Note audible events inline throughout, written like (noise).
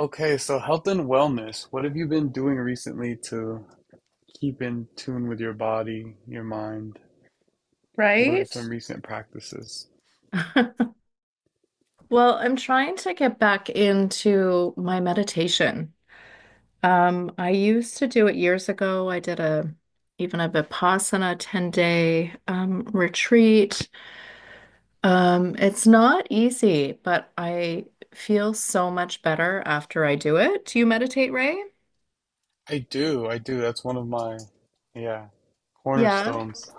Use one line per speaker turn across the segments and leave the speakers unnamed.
Okay, so health and wellness, what have you been doing recently to keep in tune with your body, your mind? What are
Right?
some recent practices?
(laughs) Well, I'm trying to get back into my meditation. I used to do it years ago. I did a even a Vipassana 10-day retreat. It's not easy, but I feel so much better after I do it. Do you meditate, Ray?
I do, I do. That's one of my, yeah,
Yeah.
cornerstones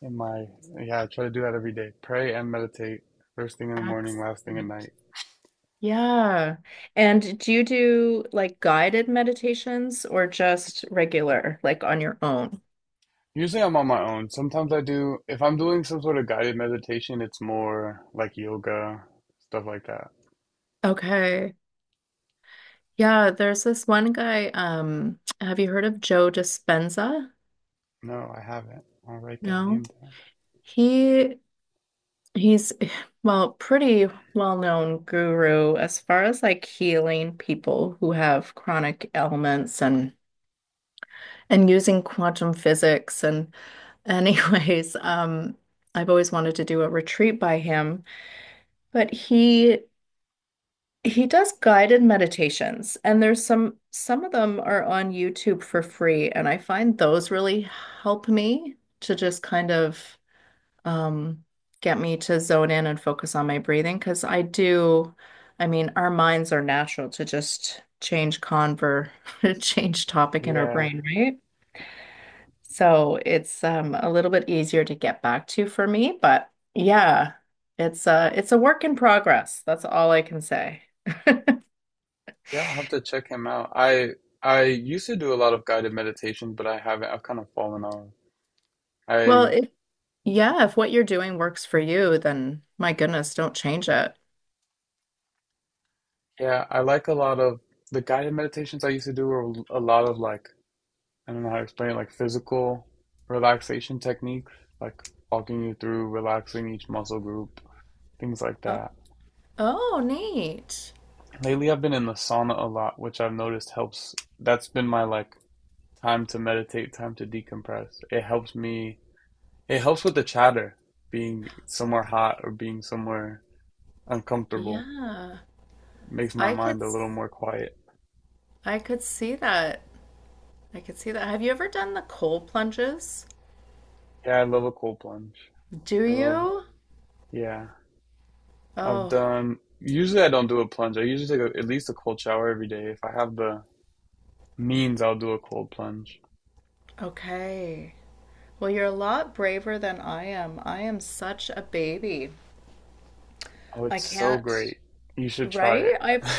in my, yeah, I try to do that every day. Pray and meditate first thing in the morning, last thing at
Excellent.
night.
Yeah. And do you do like guided meditations or just regular, like on your own?
Usually I'm on my own. Sometimes I do, if I'm doing some sort of guided meditation, it's more like yoga, stuff like that.
Okay. Yeah, there's this one guy. Have you heard of Joe Dispenza?
No, I haven't. I'll write that name
No.
down.
He he's (sighs) well, pretty well-known guru as far as like healing people who have chronic ailments and using quantum physics and (laughs) anyways, I've always wanted to do a retreat by him, but He does guided meditations, and there's some of them are on YouTube for free, and I find those really help me to just kind of um, get me to zone in and focus on my breathing because I mean, our minds are natural to just (laughs) change topic in our
Yeah.
brain, right? So it's a little bit easier to get back to for me, but yeah, it's a work in progress. That's all I can say.
Yeah, I'll have to check him out. I used to do a lot of guided meditation, but I haven't. I've kind of fallen off.
Well,
I
if Yeah, if what you're doing works for you, then my goodness, don't change it.
yeah, I like a lot of the guided meditations I used to do were a lot of like I don't know how to explain it, like physical relaxation techniques, like walking you through relaxing each muscle group, things like
Oh,
that.
oh, neat.
Lately, I've been in the sauna a lot, which I've noticed helps. That's been my like time to meditate, time to decompress. It helps me. It helps with the chatter, being somewhere hot or being somewhere uncomfortable.
Yeah.
Makes my
I could
mind a little
s-
more quiet.
I could see that. I could see that. Have you ever done the cold plunges?
Yeah, I love a cold plunge.
Do
I love,
you?
yeah. I've
Oh,
done, usually I don't do a plunge. I usually take a, at least a cold shower every day. If I have the means, I'll do a cold plunge.
okay. Well, you're a lot braver than I am. I am such a baby.
Oh,
I
it's so
can't,
great. You should try
right?
it.
I've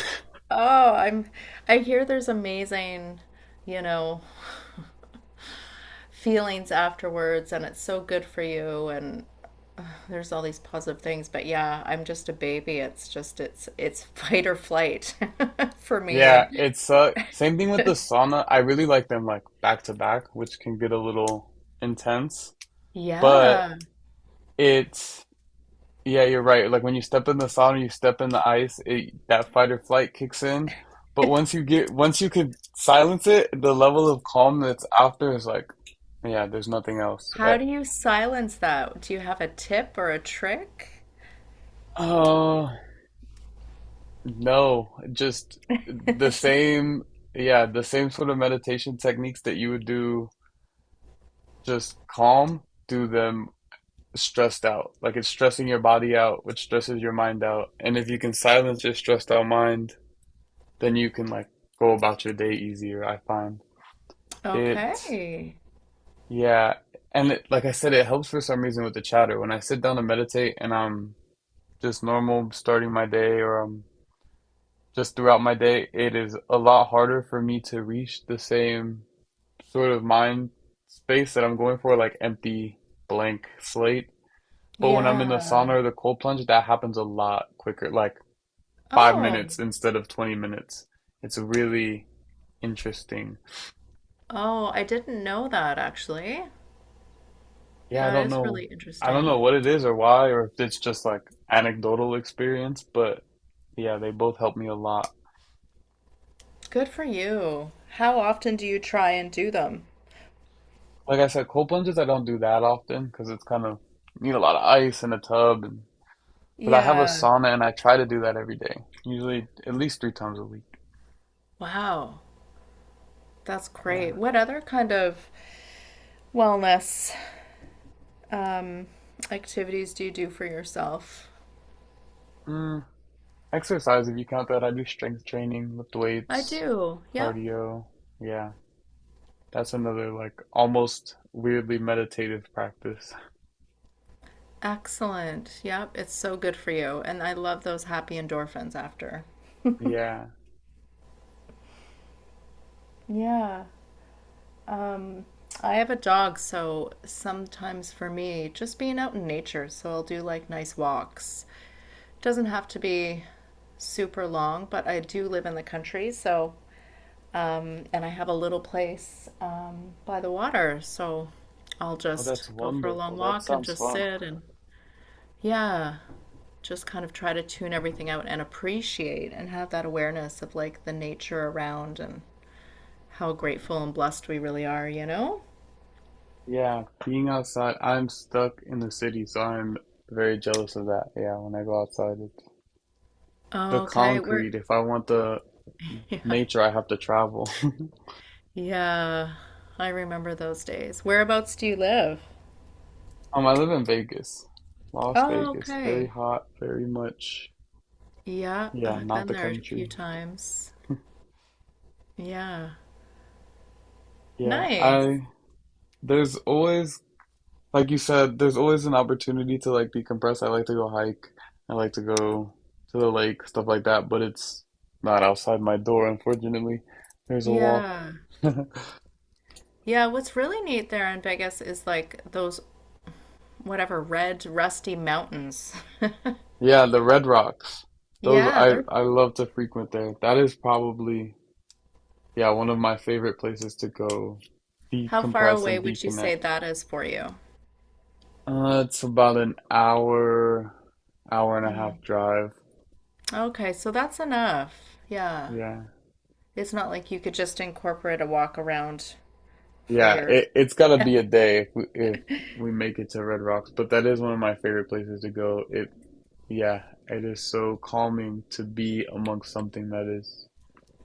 Oh. I hear there's amazing, you know, feelings afterwards and it's so good for you and there's all these positive things but yeah I'm just a baby it's just it's (laughs) fight or flight (laughs) for me
Yeah,
and
it's same thing with the sauna. I really like them like back to back, which can get a little intense, but
yeah,
it's yeah, you're right. Like when you step in the sauna, you step in the ice, it, that fight or flight kicks in. But once you get, once you could silence it, the level of calm that's after is like, yeah, there's nothing else.
how
Eh,
do you silence that? Do you have a tip or a trick?
oh, no, just the same, yeah, the same sort of meditation techniques that you would do just calm, do them stressed out. Like it's stressing your body out, which stresses your mind out. And if you can silence your stressed out mind, then you can like go about your day easier, I find. It,
Okay.
yeah, and it, like I said, it helps for some reason with the chatter. When I sit down to meditate and I'm just normal starting my day or I'm just throughout my day, it is a lot harder for me to reach the same sort of mind space that I'm going for, like empty blank slate. But when I'm in the
Yeah.
sauna or the cold plunge, that happens a lot quicker, like five
Oh.
minutes instead of 20 minutes. It's really interesting.
Oh I didn't know that actually.
Yeah, I
That
don't
is
know.
really
I don't know
interesting.
what it is or why, or if it's just like anecdotal experience, but yeah, they both help me a lot.
Good for you. How often do you try and do them?
Like I said, cold plunges I don't do that often because it's kind of need a lot of ice in a tub, and, but I have a
Yeah.
sauna and I try to do that every day, usually at least three times a week.
Wow, that's
Yeah.
great. What other kind of wellness um, activities do you do for yourself?
Mm, exercise, if you count that, I do strength training, lift
I
weights,
do. Yep.
cardio. Yeah, that's another like almost weirdly meditative practice. (laughs)
Excellent. Yep. It's so good for you. And I love those happy endorphins after.
Yeah.
Yeah. Um, I have a dog, so sometimes for me, just being out in nature. So I'll do like nice walks. Doesn't have to be super long, but I do live in the country. So, and I have a little place by the water. So I'll
Oh,
just
that's
go for a long
wonderful. That
walk and
sounds
just
fun.
sit and yeah. Just kind of try to tune everything out and appreciate and have that awareness of like the nature around and how grateful and blessed we really are, you know?
Yeah, being outside, I'm stuck in the city, so I'm very jealous of that. Yeah, when I go outside, it's the
Okay, where
concrete. If I want the
(laughs) Yeah.
nature, I have to travel. (laughs)
Yeah. I remember those days. Whereabouts do you live?
I live in Vegas, Las
Oh,
Vegas. Very
okay.
hot, very much.
Yeah,
Yeah,
I've
not
been
the
there a few
country.
times. Yeah.
Yeah,
Nice.
I there's always like you said, there's always an opportunity to like decompress. I like to go hike. I like to go to the lake, stuff like that, but it's not outside my door, unfortunately. There's a walk.
Yeah.
(laughs)
Yeah, what's really neat there in Vegas is like those whatever red rusty mountains. (laughs)
Yeah, the Red Rocks. Those
Yeah,
I
they're
I love to frequent there. That is probably yeah, one of my favorite places to go
how far
decompress
away
and
would you say
deconnect.
that is for you?
It's about an hour, hour and a
Mm.
half drive.
Okay, so that's enough. Yeah.
Yeah.
It's not like you could just incorporate a walk around for
Yeah,
your.
it it's gotta be a day if we make it to Red Rocks, but that is one of my favorite places to go. It yeah, it is so calming to be amongst something that is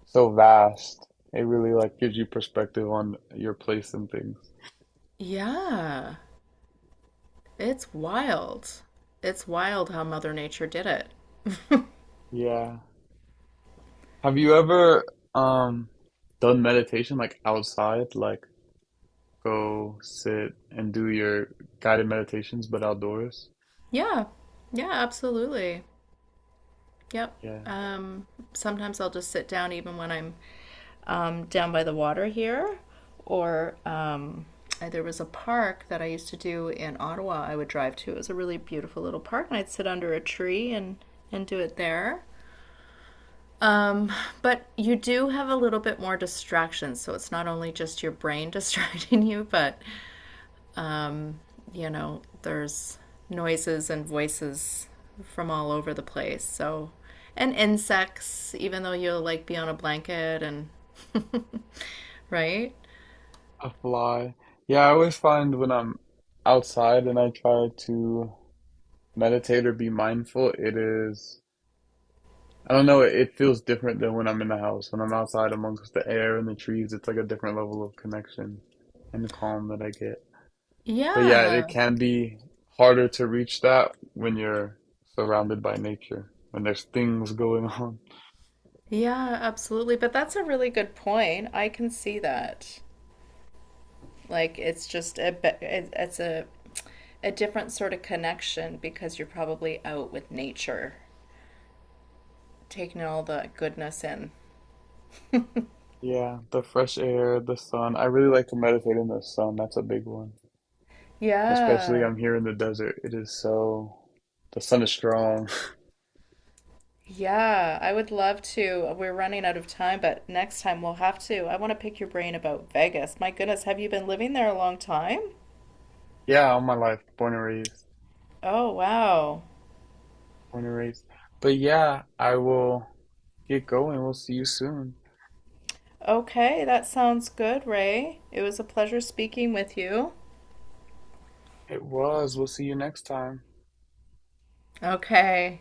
so vast. It really like gives you perspective on your place and things.
Yeah. It's wild. It's wild how Mother Nature did it.
Yeah. Have you ever um done meditation like outside, like go sit and do your guided meditations but outdoors?
Yeah. Yeah, absolutely. Yep.
Yeah.
Um, sometimes I'll just sit down even when I'm down by the water here. Or there was a park that I used to do in Ottawa, I would drive to. It was a really beautiful little park, and I'd sit under a tree and do it there. Um, but you do have a little bit more distractions, so it's not only just your brain (laughs) distracting you, but um, you know, there's noises and voices from all over the place. So, and insects, even though you'll like be on a blanket and (laughs) right?
A fly. Yeah, I always find when I'm outside and I try to meditate or be mindful, it is I don't know, it feels different than when I'm in the house. When I'm outside amongst the air and the trees, it's like a different level of connection and calm that I get. But yeah, it
Yeah.
can be harder to reach that when you're surrounded by nature, when there's things going (laughs) on.
Yeah, absolutely. But that's a really good point. I can see that. Like it's just a bit, it's a different sort of connection because you're probably out with nature, taking all the goodness in.
Yeah, the fresh air, the sun. I really like to meditate in the sun. That's a big one. Especially
Yeah.
I'm here in the desert. It is so, the sun is strong. (laughs)
Yeah, I would love to. We're running out of time, but next time we'll have to. I want to pick your brain about Vegas. My goodness, have you been living there a long time?
Yeah, all my life, born and raised,
Oh, wow.
born and raised. But yeah, I will get going. We'll see you soon.
Okay, that sounds good, Ray. It was a pleasure speaking with you.
It was. We'll see you next time.
Okay.